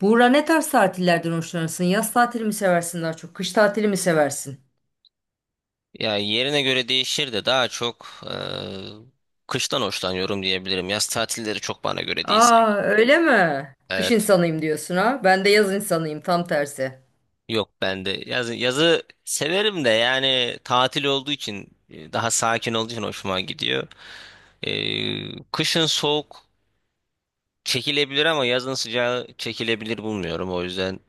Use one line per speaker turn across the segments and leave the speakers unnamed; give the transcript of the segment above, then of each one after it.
Buğra ne tarz tatillerden hoşlanırsın? Yaz tatili mi seversin daha çok? Kış tatili mi seversin?
Ya yerine göre değişir de daha çok kıştan hoşlanıyorum diyebilirim. Yaz tatilleri çok bana göre değil
Aa
sanki.
öyle mi? Kış
Evet.
insanıyım diyorsun ha? Ben de yaz insanıyım tam tersi.
Yok ben de yazı severim de yani tatil olduğu için daha sakin olduğu için hoşuma gidiyor. Kışın soğuk çekilebilir ama yazın sıcağı çekilebilir bulmuyorum. O yüzden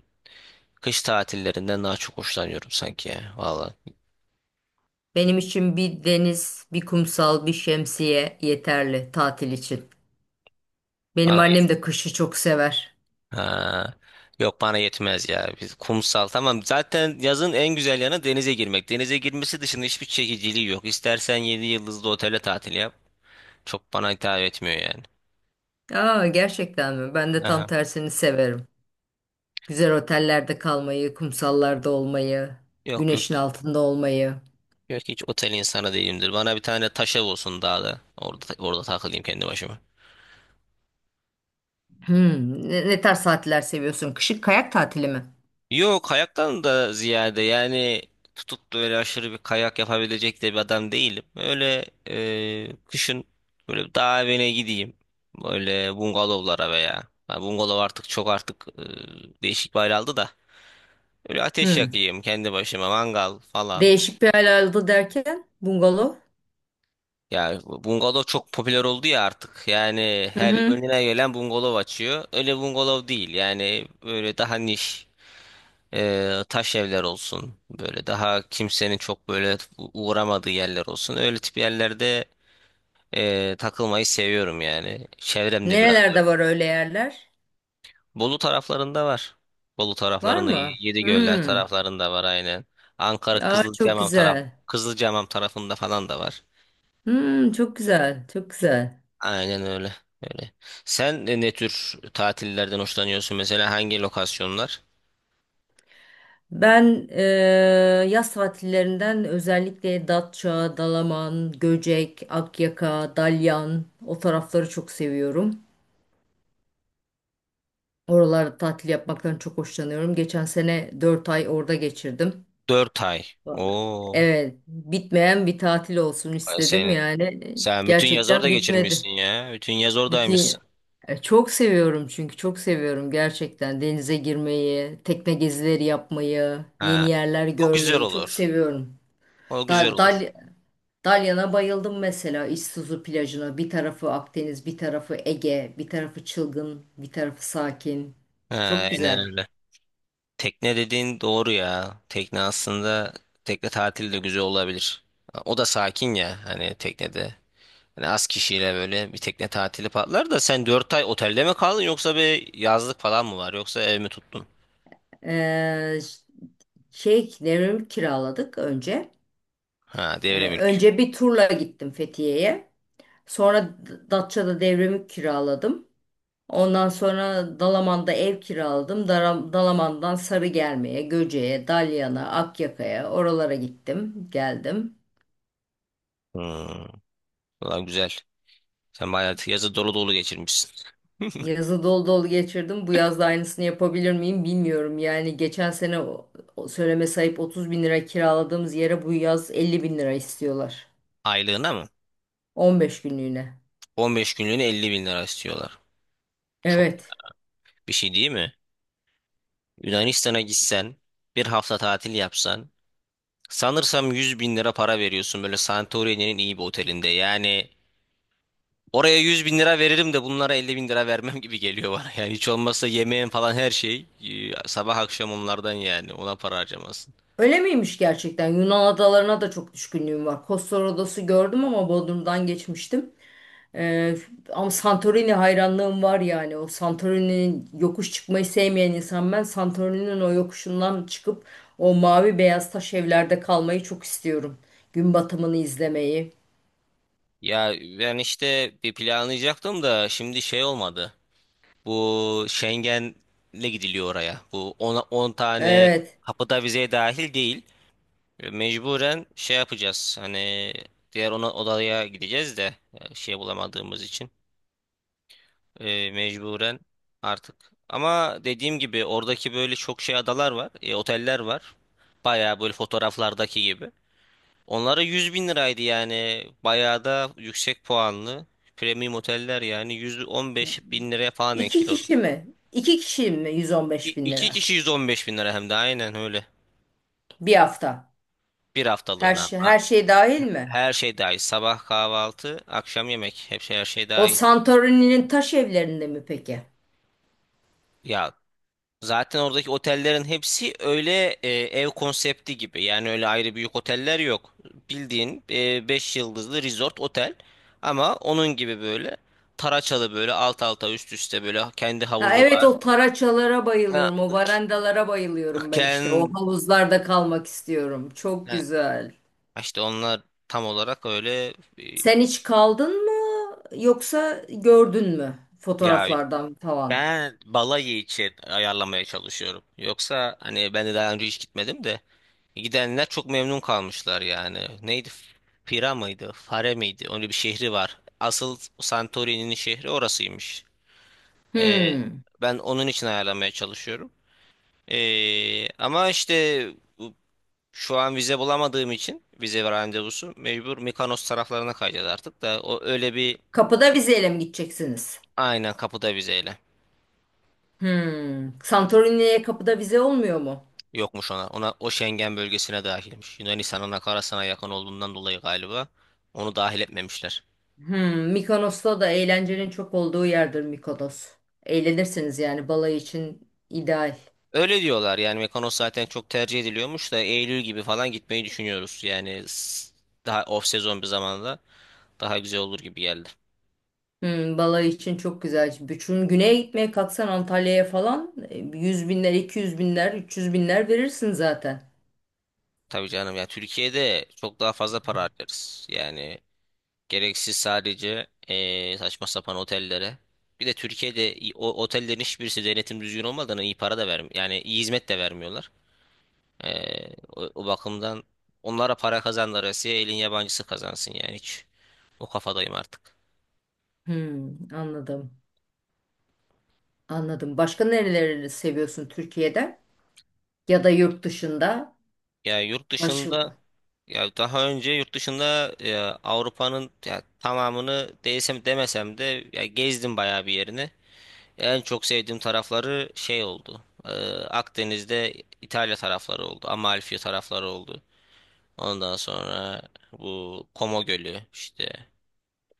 kış tatillerinden daha çok hoşlanıyorum sanki ya. Valla.
Benim için bir deniz, bir kumsal, bir şemsiye yeterli tatil için. Benim
Bana
annem de kışı çok sever.
ha. Yok bana yetmez ya. Biz kumsal tamam. Zaten yazın en güzel yanı denize girmek. Denize girmesi dışında hiçbir çekiciliği yok. İstersen 7 yıldızlı otele tatil yap. Çok bana hitap etmiyor yani.
Aa gerçekten mi? Ben de tam
Aha.
tersini severim. Güzel otellerde kalmayı, kumsallarda olmayı,
Yok yok.
güneşin altında olmayı.
Yok hiç otel insanı değilimdir. Bana bir tane taş ev olsun dağda. Orada takılayım kendi başıma.
Hmm, ne tarz tatiller seviyorsun? Kışın kayak tatili mi?
Yok kayaktan da ziyade yani tutup da öyle aşırı bir kayak yapabilecek de bir adam değilim. Öyle kışın böyle dağ evine gideyim. Böyle bungalovlara veya ha, bungalov artık çok, değişik bir hal aldı da. Öyle ateş
Hmm.
yakayım kendi başıma mangal falan.
Değişik bir alanda derken bungalov.
Ya bungalov çok popüler oldu ya artık. Yani
Hı
her
hı.
önüne gelen bungalov açıyor. Öyle bungalov değil. Yani böyle daha niş. Taş evler olsun böyle daha kimsenin çok böyle uğramadığı yerler olsun, öyle tip yerlerde takılmayı seviyorum yani, çevremde biraz öyle.
Nerelerde var öyle yerler?
Bolu taraflarında var, Bolu
Var
taraflarında
mı?
Yedigöller
Hmm.
taraflarında var aynen. Ankara
Aa, çok
Kızılcahamam taraf,
güzel.
Kızılcahamam tarafında falan da var,
Hmm, çok güzel. Çok güzel.
aynen öyle öyle. Sen ne tür tatillerden hoşlanıyorsun mesela, hangi lokasyonlar?
Ben eee, yaz tatillerinden özellikle Datça, Dalaman, Göcek, Akyaka, Dalyan o tarafları çok seviyorum. Oralarda tatil yapmaktan çok hoşlanıyorum. Geçen sene 4 ay orada geçirdim.
Dört ay, o.
Evet, bitmeyen bir tatil olsun istedim yani.
Sen bütün yaz orada
Gerçekten
geçirmişsin
bitmedi.
ya. Bütün yaz oradaymışsın.
Bütün Çok seviyorum çünkü çok seviyorum gerçekten denize girmeyi, tekne gezileri yapmayı, yeni
Ha.
yerler
O güzel
görmeyi çok
olur.
seviyorum.
O güzel
Dal,
olur.
Dal- Dalyan'a bayıldım mesela İztuzu plajına. Bir tarafı Akdeniz, bir tarafı Ege, bir tarafı çılgın, bir tarafı sakin.
Ha,
Çok
aynen
güzel.
öyle. Tekne dediğin doğru ya. Tekne aslında tekne tatili de güzel olabilir. O da sakin ya, hani teknede. Hani az kişiyle böyle bir tekne tatili patlar da, sen 4 ay otelde mi kaldın, yoksa bir yazlık falan mı var, yoksa ev mi tuttun?
Ee, ş- şey, Nevram'ı kiraladık önce.
Ha, devre mülk.
Önce bir turla gittim Fethiye'ye. Sonra Datça'da devremi kiraladım. Ondan sonra Dalaman'da ev kiraladım. Dalaman'dan Sarıgerme'ye, Göce'ye, Dalyan'a, Akyaka'ya oralara gittim, geldim.
Hmm. Ulan güzel. Sen bayağı yazı dolu dolu geçirmişsin.
Yazı dolu dolu geçirdim. Bu yaz da aynısını yapabilir miyim bilmiyorum. Yani geçen sene o söyleme sahip 30 bin lira kiraladığımız yere bu yaz 50 bin lira istiyorlar.
Aylığına mı?
15 günlüğüne.
15 günlüğüne 50 bin lira istiyorlar. Çok
Evet.
bir şey değil mi? Yunanistan'a gitsen, bir hafta tatil yapsan, sanırsam 100 bin lira para veriyorsun böyle Santorini'nin iyi bir otelinde. Yani oraya 100 bin lira veririm de bunlara 50 bin lira vermem gibi geliyor bana. Yani hiç olmazsa yemeğin falan, her şey sabah akşam onlardan, yani ona para harcamasın.
Öyle miymiş gerçekten? Yunan adalarına da çok düşkünlüğüm var. Kostor adası gördüm ama Bodrum'dan geçmiştim. Ee, Ama Santorini hayranlığım var yani. O Santorini'nin yokuş çıkmayı sevmeyen insan ben. Santorini'nin o yokuşundan çıkıp o mavi beyaz taş evlerde kalmayı çok istiyorum. Gün batımını izlemeyi.
Ya ben işte bir planlayacaktım da şimdi şey olmadı. Bu Schengen'le gidiliyor oraya. Bu 10 tane
Evet.
kapıda vizeye dahil değil. Mecburen şey yapacağız. Hani diğer ona odaya gideceğiz de, şey bulamadığımız için, mecburen artık. Ama dediğim gibi oradaki böyle çok şey adalar var, oteller var. Bayağı böyle fotoğraflardaki gibi. Onlara 100 bin liraydı yani. Bayağı da yüksek puanlı. Premium oteller yani 115 bin liraya falan denk
İki
geliyor.
kişi mi? İki kişi mi? 115 bin
İki
lira.
kişi 115 bin lira, hem de aynen öyle.
Bir hafta.
Bir
Her
haftalığına,
şey,
ama
her şey dahil mi?
her şey dahil. Sabah kahvaltı, akşam yemek. Hepsi her şey
O
dahil.
Santorini'nin taş evlerinde mi peki?
Ya zaten oradaki otellerin hepsi öyle ev konsepti gibi. Yani öyle ayrı büyük oteller yok. Bildiğin 5 yıldızlı resort otel, ama onun gibi böyle taraçalı, böyle alt alta üst üste, böyle kendi
Ha,
havuzu
evet
var.
o taraçalara
Ha,
bayılıyorum. O varandalara bayılıyorum ben işte. O
Ken,
havuzlarda kalmak istiyorum. Çok
ha,
güzel.
işte onlar tam olarak öyle. e,
Sen hiç kaldın mı yoksa gördün mü
Ya
fotoğraflardan falan?
ben balayı için ayarlamaya çalışıyorum. Yoksa hani ben de daha önce hiç gitmedim de, gidenler çok memnun kalmışlar yani. Neydi? Pira mıydı? Fare miydi? Öyle bir şehri var. Asıl Santorini'nin şehri orasıymış. Ee,
Hmm.
Ben onun için ayarlamaya çalışıyorum. Ama işte bu- şu an vize bulamadığım için, vize ve randevusu, mecbur Mikonos taraflarına kayacağız artık da, o öyle bir
Kapıda vizeyle mi gideceksiniz?
aynen, kapıda vizeyle.
Hmm. Santorini'ye kapıda vize olmuyor mu?
Yokmuş ona. Ona o Schengen bölgesine dahilmiş. Yunanistan'ın akarasına yakın olduğundan dolayı galiba onu dahil etmemişler.
Hmm. Mikonos'ta da eğlencenin çok olduğu yerdir Mikonos. Eğlenirsiniz yani balayı için ideal.
Öyle diyorlar yani, Mekanos zaten çok tercih ediliyormuş da, Eylül gibi falan gitmeyi düşünüyoruz. Yani daha off sezon bir zamanda daha güzel olur gibi geldi.
Hmm, balayı için çok güzel. Bütün güneye gitmeye kalksan Antalya'ya falan 100 binler, 200 binler, 300 binler verirsin zaten.
Tabii canım ya, Türkiye'de çok daha fazla para harcarız. Yani gereksiz, sadece saçma sapan otellere. Bir de Türkiye'de o otellerin hiçbirisi denetim düzgün olmadan iyi para da vermiyor. Yani iyi hizmet de vermiyorlar. O bakımdan onlara para kazandılar. Elin yabancısı kazansın yani, hiç. O kafadayım artık.
Hmm, anladım. Anladım. Başka nereleri seviyorsun Türkiye'de ya da yurt dışında?
Yani yurt
Başka
dışında, ya daha önce yurt dışında Avrupa'nın ya, tamamını demesem de ya, gezdim bayağı bir yerini. En çok sevdiğim tarafları şey oldu. Akdeniz'de İtalya tarafları oldu. Amalfi tarafları oldu. Ondan sonra bu Como Gölü işte.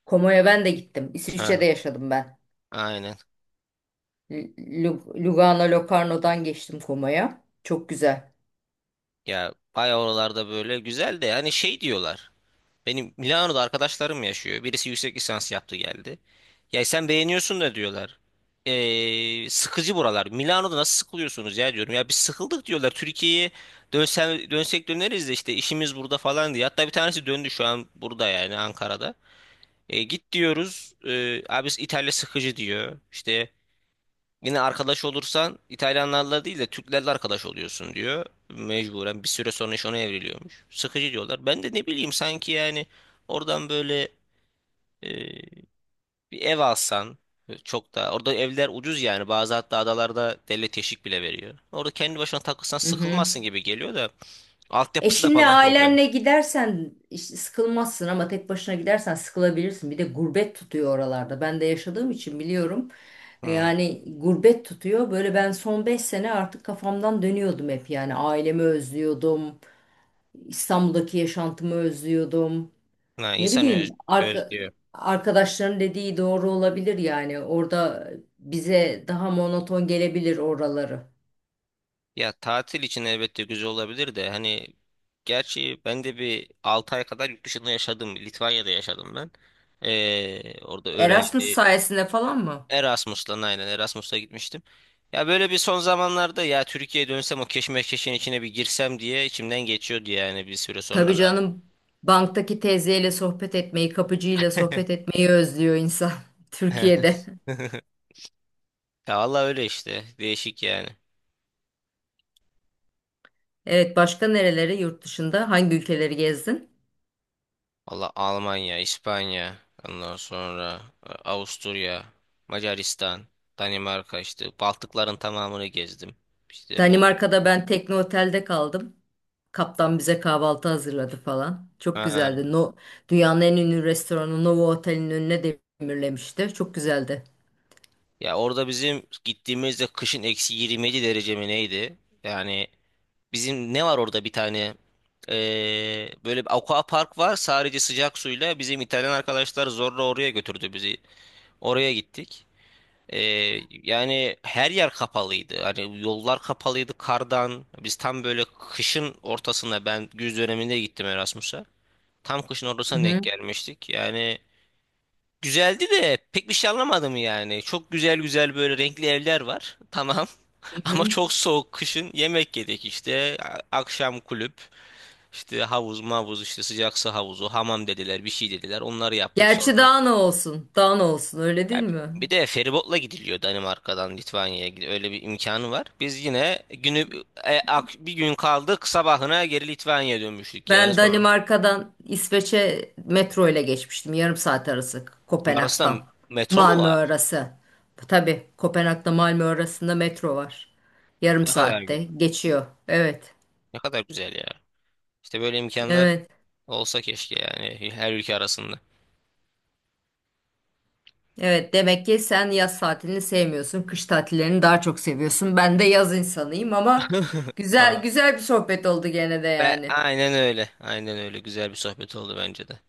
Komo'ya ben de gittim.
Ha.
İsviçre'de yaşadım ben.
Aynen.
Lugano, Locarno'dan geçtim Komo'ya. Çok güzel.
Ya bayağı oralarda böyle güzel de, hani şey diyorlar. Benim Milano'da arkadaşlarım yaşıyor. Birisi yüksek lisans yaptı geldi. Ya sen beğeniyorsun da diyorlar. Sıkıcı buralar. Milano'da nasıl sıkılıyorsunuz ya diyorum. Ya biz sıkıldık diyorlar. Türkiye'ye dönsen, dönsek döneriz de, işte işimiz burada falan diye. Hatta bir tanesi döndü, şu an burada, yani Ankara'da. E, git diyoruz. E, abi İtalya sıkıcı diyor. İşte yine arkadaş olursan İtalyanlarla değil de Türklerle arkadaş oluyorsun diyor. Mecburen bir süre sonra iş ona evriliyormuş. Sıkıcı diyorlar. Ben de ne bileyim, sanki yani oradan böyle e, bir ev alsan, çok da orada evler ucuz yani, bazı hatta adalarda devlet teşvik bile veriyor. Orada kendi başına takılsan
Mhm.
sıkılmazsın gibi geliyor da, altyapısı da
Eşinle
falan problem.
ailenle gidersen işte sıkılmazsın ama tek başına gidersen sıkılabilirsin. Bir de gurbet tutuyor oralarda. Ben de yaşadığım için biliyorum.
Hmm.
Yani gurbet tutuyor. Böyle ben son 5 sene artık kafamdan dönüyordum hep. Yani ailemi özlüyordum. İstanbul'daki yaşantımı özlüyordum.
Ha,
Ne
insan öz,
bileyim arka,
özlüyor.
arkadaşların dediği doğru olabilir yani. Orada bize daha monoton gelebilir oraları.
Ya tatil için elbette güzel olabilir de, hani gerçi ben de bir 6 ay kadar yurt dışında yaşadım. Litvanya'da yaşadım ben. Orada öğrenci.
Erasmus sayesinde falan mı?
Erasmus'la, aynen Erasmus'la gitmiştim. Ya böyle bir son zamanlarda ya Türkiye'ye dönsem, o keşmekeşin içine bir girsem diye içimden geçiyordu yani, bir süre
Tabii
sonra da.
canım banktaki teyzeyle sohbet etmeyi, kapıcıyla sohbet etmeyi özlüyor insan Türkiye'de.
Ya vallahi öyle işte, değişik yani.
Evet, başka nereleri, yurt dışında hangi ülkeleri gezdin?
Valla Almanya, İspanya, ondan sonra Avusturya, Macaristan, Danimarka, işte Baltıkların tamamını gezdim. İşte bu,
Danimarka'da ben tekne otelde kaldım. Kaptan bize kahvaltı hazırladı falan. Çok
ha,
güzeldi. No, Dünyanın en ünlü restoranı Novo Otel'in önüne demirlemişti. Çok güzeldi.
ya orada bizim gittiğimizde kışın eksi 27 derece mi neydi? Yani bizim ne var orada, bir tane e, böyle bir aqua park var sadece sıcak suyla, bizim İtalyan arkadaşlar zorla oraya götürdü bizi. Oraya gittik. Ee, Yani her yer kapalıydı. Hani yollar kapalıydı kardan. Biz tam böyle kışın ortasında, ben güz döneminde gittim Erasmus'a. Tam kışın
Hı
ortasına
hı,
denk gelmiştik. Yani güzeldi de pek bir şey anlamadım yani. Çok güzel güzel böyle renkli evler var. Tamam.
hı
Ama
hı.
çok soğuk kışın, yemek yedik işte. A- Akşam kulüp, işte havuz mavuz, işte sıcak su havuzu, hamam dediler, bir şey dediler, onları yaptık.
Gerçi daha ne olsun? Daha ne olsun öyle
Ya
değil mi?
bir de feribotla gidiliyor Danimarka'dan Litvanya'ya. Öyle bir imkanı var. Biz yine günü, bir gün kaldık, sabahına geri Litvanya'ya dönmüştük yani.
Ben
Sonra
Danimarka'dan İsveç'e metro ile geçmiştim. Yarım saat arası
arasında
Kopenhag'dan.
metro mu
Malmö
var?
arası. Tabii Kopenhag'da Malmö arasında metro var. Yarım
Ne kadar
saatte geçiyor. Evet.
ne kadar güzel ya. İşte böyle imkanlar
Evet.
olsa keşke, yani her ülke arasında.
Evet, demek ki sen yaz tatilini sevmiyorsun. Kış tatillerini daha çok seviyorsun. Ben de yaz insanıyım ama güzel
Aa,
güzel bir sohbet oldu gene de
ve
yani.
aynen öyle. Aynen öyle. Güzel bir sohbet oldu bence de.